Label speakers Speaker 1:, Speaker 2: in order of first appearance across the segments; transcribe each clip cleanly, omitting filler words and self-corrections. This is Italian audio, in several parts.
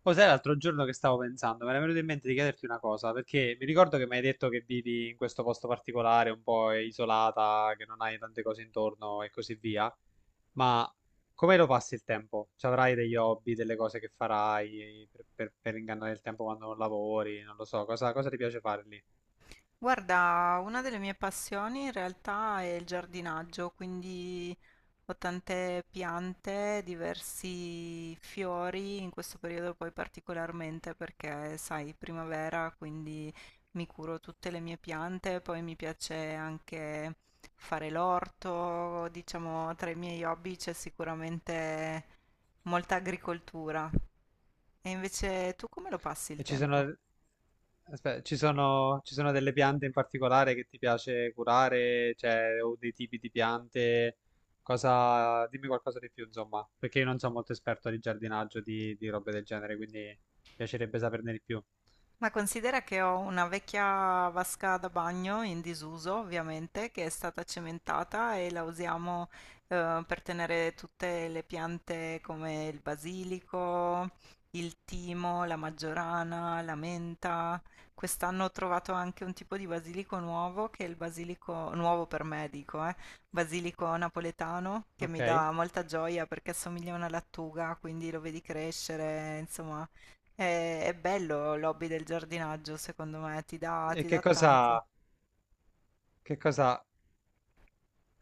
Speaker 1: Poi sai, l'altro giorno che stavo pensando, mi era venuto in mente di chiederti una cosa, perché mi ricordo che mi hai detto che vivi in questo posto particolare, un po' isolata, che non hai tante cose intorno e così via, ma come lo passi il tempo? Ci avrai degli hobby, delle cose che farai per ingannare il tempo quando non lavori, non lo so, cosa ti piace fare lì?
Speaker 2: Guarda, una delle mie passioni in realtà è il giardinaggio, quindi ho tante piante, diversi fiori, in questo periodo poi particolarmente perché, sai, primavera, quindi mi curo tutte le mie piante, poi mi piace anche fare l'orto, diciamo, tra i miei hobby c'è sicuramente molta agricoltura. E invece tu come lo passi
Speaker 1: E
Speaker 2: il
Speaker 1: ci sono,
Speaker 2: tempo?
Speaker 1: aspetta, ci sono delle piante in particolare che ti piace curare, cioè, o dei tipi di piante, cosa, dimmi qualcosa di più, insomma, perché io non sono molto esperto di giardinaggio, di robe del genere, quindi mi piacerebbe saperne di più.
Speaker 2: Ma considera che ho una vecchia vasca da bagno in disuso, ovviamente, che è stata cementata e la usiamo per tenere tutte le piante come il basilico, il timo, la maggiorana, la menta. Quest'anno ho trovato anche un tipo di basilico nuovo, che è il basilico nuovo per me, dico, basilico napoletano, che
Speaker 1: Ok?
Speaker 2: mi
Speaker 1: E
Speaker 2: dà molta gioia perché assomiglia a una lattuga, quindi lo vedi crescere, insomma. È bello l'hobby del giardinaggio, secondo me, ti
Speaker 1: che
Speaker 2: dà tanto.
Speaker 1: cosa, che cosa,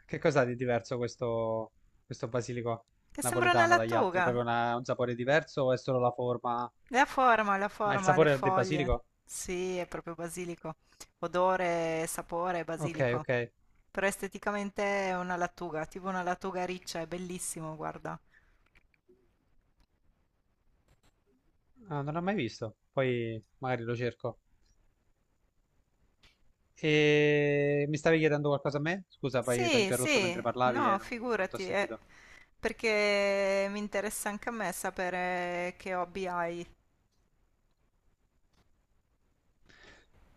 Speaker 1: che cosa ha di diverso questo basilico
Speaker 2: Che sembra una
Speaker 1: napoletano dagli altri?
Speaker 2: lattuga.
Speaker 1: Proprio un sapore diverso o è solo la forma?
Speaker 2: La
Speaker 1: Ma il
Speaker 2: forma, le
Speaker 1: sapore del
Speaker 2: foglie.
Speaker 1: basilico?
Speaker 2: Sì, è proprio basilico. Odore, sapore,
Speaker 1: Ok,
Speaker 2: basilico.
Speaker 1: ok.
Speaker 2: Però esteticamente è una lattuga, tipo una lattuga riccia, è bellissimo, guarda.
Speaker 1: Ah, non l'ho mai visto, poi magari lo cerco. E mi stavi chiedendo qualcosa a me? Scusa, poi ti ho
Speaker 2: Sì,
Speaker 1: interrotto mentre
Speaker 2: sì,
Speaker 1: parlavi
Speaker 2: no,
Speaker 1: e non ti ho
Speaker 2: figurati,
Speaker 1: sentito.
Speaker 2: perché mi interessa anche a me sapere che hobby hai,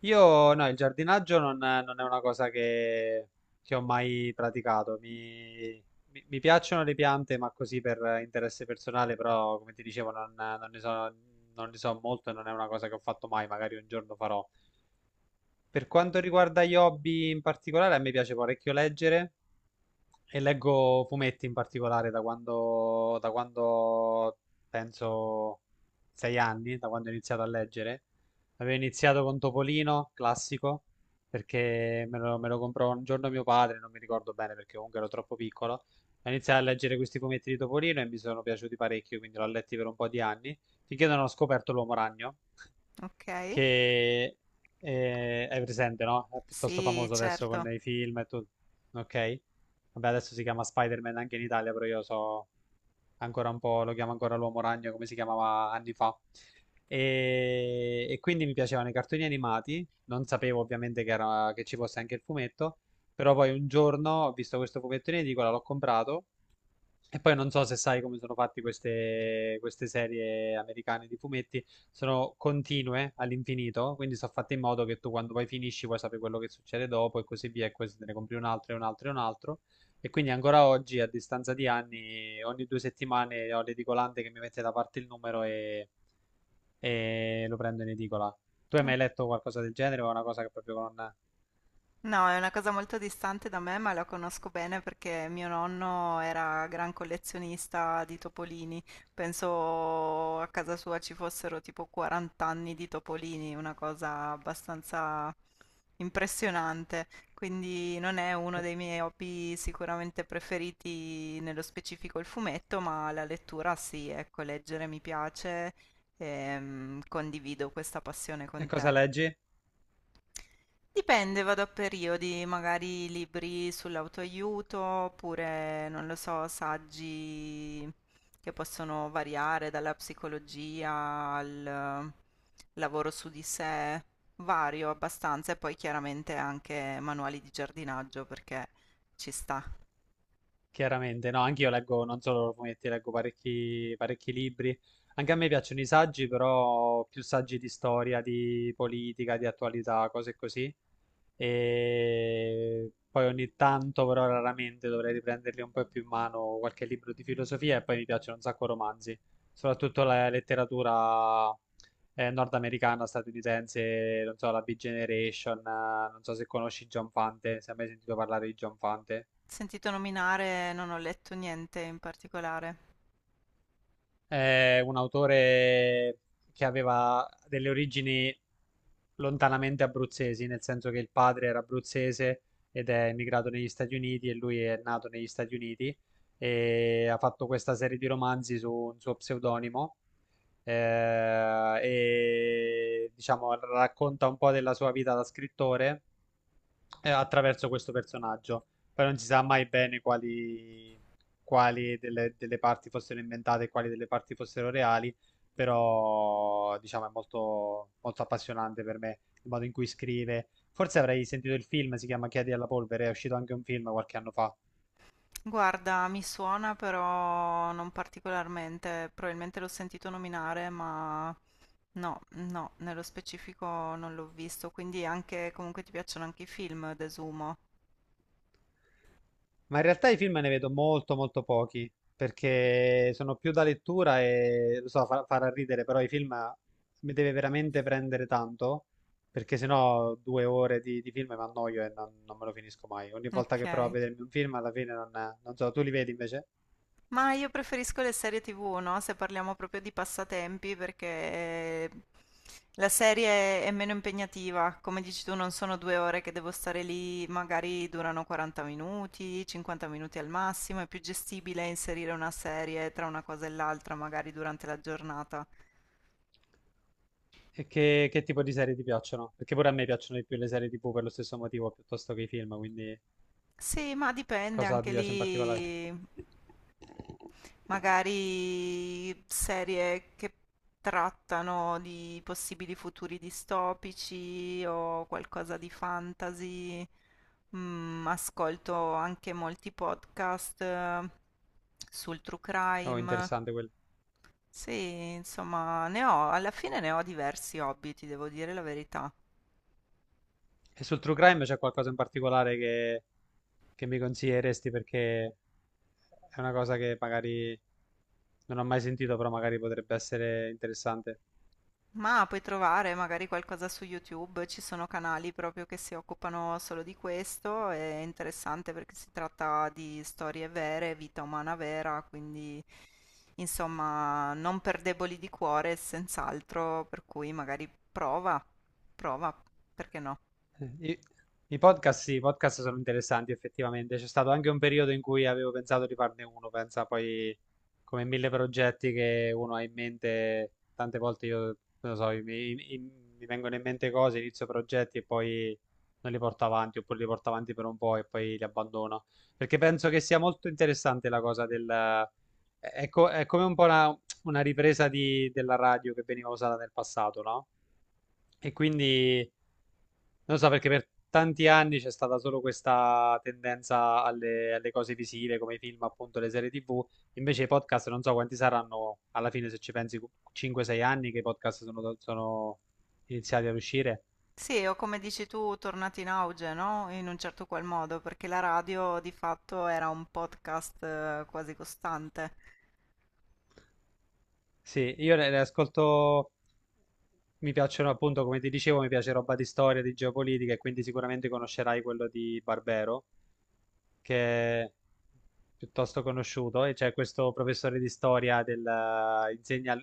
Speaker 1: Io, no, il giardinaggio non è una cosa che ho mai praticato. Mi piacciono le piante, ma così per interesse personale, però come ti dicevo non ne so, non ne so molto e non è una cosa che ho fatto mai, magari un giorno farò. Per quanto riguarda gli hobby in particolare, a me piace parecchio leggere. E leggo fumetti in particolare da quando penso sei anni, da quando ho iniziato a leggere. Avevo iniziato con Topolino, classico, perché me lo comprò un giorno mio padre, non mi ricordo bene perché comunque ero troppo piccolo. Ho iniziato a leggere questi fumetti di Topolino e mi sono piaciuti parecchio, quindi l'ho letti per un po' di anni, finché non ho scoperto l'Uomo Ragno,
Speaker 2: ok?
Speaker 1: che è presente, no? È piuttosto
Speaker 2: Sì,
Speaker 1: famoso adesso con
Speaker 2: certo.
Speaker 1: i film e tutto. Ok? Vabbè, adesso si chiama Spider-Man anche in Italia, però io so ancora un po', lo chiamo ancora l'Uomo Ragno come si chiamava anni fa. E quindi mi piacevano i cartoni animati, non sapevo ovviamente che ci fosse anche il fumetto, però poi un giorno ho visto questo fumetto in edicola, l'ho comprato e poi non so se sai come sono fatte queste serie americane di fumetti, sono continue all'infinito, quindi sono fatte in modo che tu quando poi finisci puoi sapere quello che succede dopo e così via, e questo te ne compri un altro e un altro e un altro. E quindi ancora oggi, a distanza di anni, ogni due settimane ho l'edicolante che mi mette da parte il numero e lo prendo in edicola. Tu hai mai letto qualcosa del genere o è una cosa che proprio non...
Speaker 2: No, è una cosa molto distante da me, ma la conosco bene perché mio nonno era gran collezionista di topolini. Penso a casa sua ci fossero tipo 40 anni di topolini, una cosa abbastanza impressionante. Quindi non è uno
Speaker 1: E
Speaker 2: dei miei hobby sicuramente preferiti, nello specifico il fumetto, ma la lettura sì, ecco, leggere mi piace e condivido questa passione
Speaker 1: e
Speaker 2: con
Speaker 1: cosa
Speaker 2: te.
Speaker 1: leggi?
Speaker 2: Dipende, vado a periodi, magari libri sull'autoaiuto, oppure, non lo so, saggi che possono variare dalla psicologia al lavoro su di sé, vario abbastanza, e poi chiaramente anche manuali di giardinaggio perché ci sta.
Speaker 1: Chiaramente, no, anche io leggo, non solo fumetti, leggo parecchi libri. Anche a me piacciono i saggi, però più saggi di storia, di politica, di attualità, cose così. E poi ogni tanto, però raramente, dovrei riprenderli un po' più in mano qualche libro di filosofia e poi mi piacciono un sacco romanzi, soprattutto la letteratura nordamericana, statunitense, non so, la Big Generation, non so se conosci John Fante, se hai mai sentito parlare di John Fante.
Speaker 2: Sentito nominare, non ho letto niente in particolare.
Speaker 1: È un autore che aveva delle origini lontanamente abruzzesi, nel senso che il padre era abruzzese ed è emigrato negli Stati Uniti e lui è nato negli Stati Uniti e ha fatto questa serie di romanzi su un suo pseudonimo, e diciamo racconta un po' della sua vita da scrittore attraverso questo personaggio. Però non si sa mai bene quali delle parti fossero inventate e quali delle parti fossero reali. Però, diciamo, è molto appassionante per me il modo in cui scrive. Forse avrei sentito il film, si chiama Chiedi alla polvere, è uscito anche un film qualche anno fa.
Speaker 2: Guarda, mi suona però non particolarmente, probabilmente l'ho sentito nominare, ma no, no, nello specifico non l'ho visto, quindi anche comunque ti piacciono anche i film, desumo.
Speaker 1: Ma in realtà i film ne vedo molto molto pochi, perché sono più da lettura e lo so, farà ridere, però i film mi deve veramente prendere tanto, perché sennò due ore di film mi annoio e non me lo finisco mai. Ogni volta
Speaker 2: Ok.
Speaker 1: che provo a vedermi un film, alla fine non, non so, tu li vedi invece?
Speaker 2: Ma io preferisco le serie TV, no? Se parliamo proprio di passatempi, perché la serie è meno impegnativa. Come dici tu, non sono 2 ore che devo stare lì, magari durano 40 minuti, 50 minuti al massimo. È più gestibile inserire una serie tra una cosa e l'altra, magari durante la giornata.
Speaker 1: E che tipo di serie ti piacciono? Perché pure a me piacciono di più le serie TV per lo stesso motivo, piuttosto che i film, quindi
Speaker 2: Sì, ma dipende
Speaker 1: cosa ti
Speaker 2: anche
Speaker 1: piace in particolare?
Speaker 2: lì. Magari serie che trattano di possibili futuri distopici o qualcosa di fantasy. Ascolto anche molti podcast sul true
Speaker 1: Oh,
Speaker 2: crime.
Speaker 1: interessante quello.
Speaker 2: Sì, insomma, ne ho, alla fine ne ho diversi hobby, ti devo dire la verità.
Speaker 1: E sul True Crime c'è qualcosa in particolare che mi consiglieresti perché è una cosa che magari non ho mai sentito, però magari potrebbe essere interessante.
Speaker 2: Ma puoi trovare magari qualcosa su YouTube, ci sono canali proprio che si occupano solo di questo, è interessante perché si tratta di storie vere, vita umana vera, quindi insomma non per deboli di cuore, senz'altro, per cui magari prova, prova, perché no?
Speaker 1: I, i podcast sono interessanti effettivamente. C'è stato anche un periodo in cui avevo pensato di farne uno, pensa poi come mille progetti che uno ha in mente, tante volte io, non lo so, mi vengono in mente cose, inizio progetti e poi non li porto avanti, oppure li porto avanti per un po' e poi li abbandono. Perché penso che sia molto interessante la cosa del... È, è come un po' una ripresa della radio che veniva usata nel passato, no? E quindi... Non so perché per tanti anni c'è stata solo questa tendenza alle cose visive come i film, appunto le serie TV. Invece i podcast non so quanti saranno alla fine, se ci pensi, 5-6 anni che i podcast sono iniziati ad uscire.
Speaker 2: Sì, o come dici tu, tornati in auge, no? In un certo qual modo, perché la radio di fatto era un podcast quasi costante.
Speaker 1: Sì, io ne ascolto, mi piacciono appunto, come ti dicevo, mi piace roba di storia, di geopolitica e quindi sicuramente conoscerai quello di Barbero, che è piuttosto conosciuto, e c'è questo professore di storia del, insegna,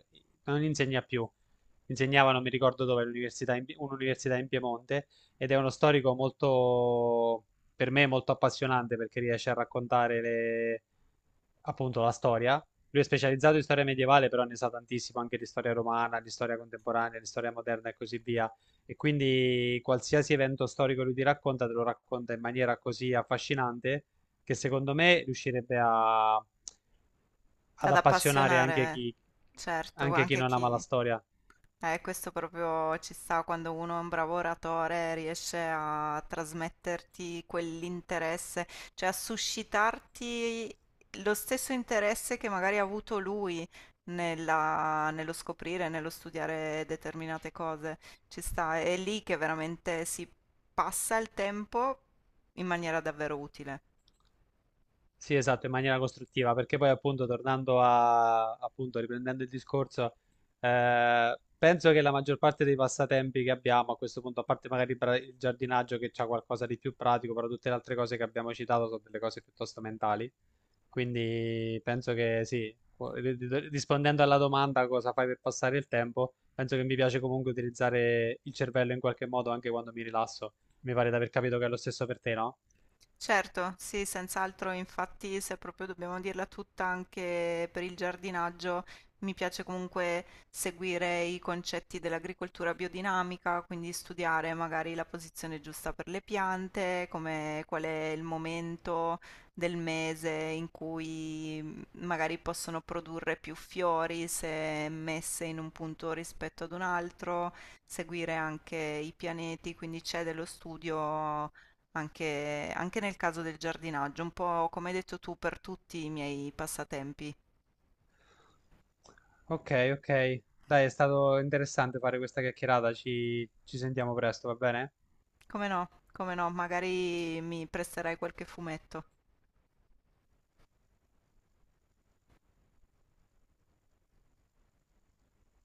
Speaker 1: non insegna più, insegnava, non mi ricordo dove, all'università un'università in Piemonte, ed è uno storico per me, molto appassionante perché riesce a raccontare appunto la storia. Lui è specializzato in storia medievale, però ne sa tantissimo anche di storia romana, di storia contemporanea, di storia moderna e così via. E quindi qualsiasi evento storico lui ti racconta, te lo racconta in maniera così affascinante che secondo me riuscirebbe ad
Speaker 2: Ad
Speaker 1: appassionare
Speaker 2: appassionare, certo,
Speaker 1: anche chi
Speaker 2: anche
Speaker 1: non ama la
Speaker 2: chi...
Speaker 1: storia.
Speaker 2: Questo proprio ci sta quando uno è un bravo oratore, riesce a trasmetterti quell'interesse, cioè a suscitarti lo stesso interesse che magari ha avuto lui nello scoprire, nello studiare determinate cose. Ci sta, è lì che veramente si passa il tempo in maniera davvero utile.
Speaker 1: Sì, esatto, in maniera costruttiva, perché poi appunto tornando a, appunto riprendendo il discorso, penso che la maggior parte dei passatempi che abbiamo a questo punto, a parte magari il giardinaggio che c'ha qualcosa di più pratico, però tutte le altre cose che abbiamo citato sono delle cose piuttosto mentali, quindi penso che sì, rispondendo alla domanda cosa fai per passare il tempo, penso che mi piace comunque utilizzare il cervello in qualche modo anche quando mi rilasso, mi pare di aver capito che è lo stesso per te, no?
Speaker 2: Certo, sì, senz'altro, infatti se proprio dobbiamo dirla tutta anche per il giardinaggio, mi piace comunque seguire i concetti dell'agricoltura biodinamica, quindi studiare magari la posizione giusta per le piante, come, qual è il momento del mese in cui magari possono produrre più fiori se messe in un punto rispetto ad un altro, seguire anche i pianeti, quindi c'è dello studio anche nel caso del giardinaggio, un po' come hai detto tu per tutti i miei passatempi.
Speaker 1: Ok, ok. Dai, è stato interessante fare questa chiacchierata. Ci sentiamo presto, va bene?
Speaker 2: Come no, come no, magari mi presterai qualche fumetto.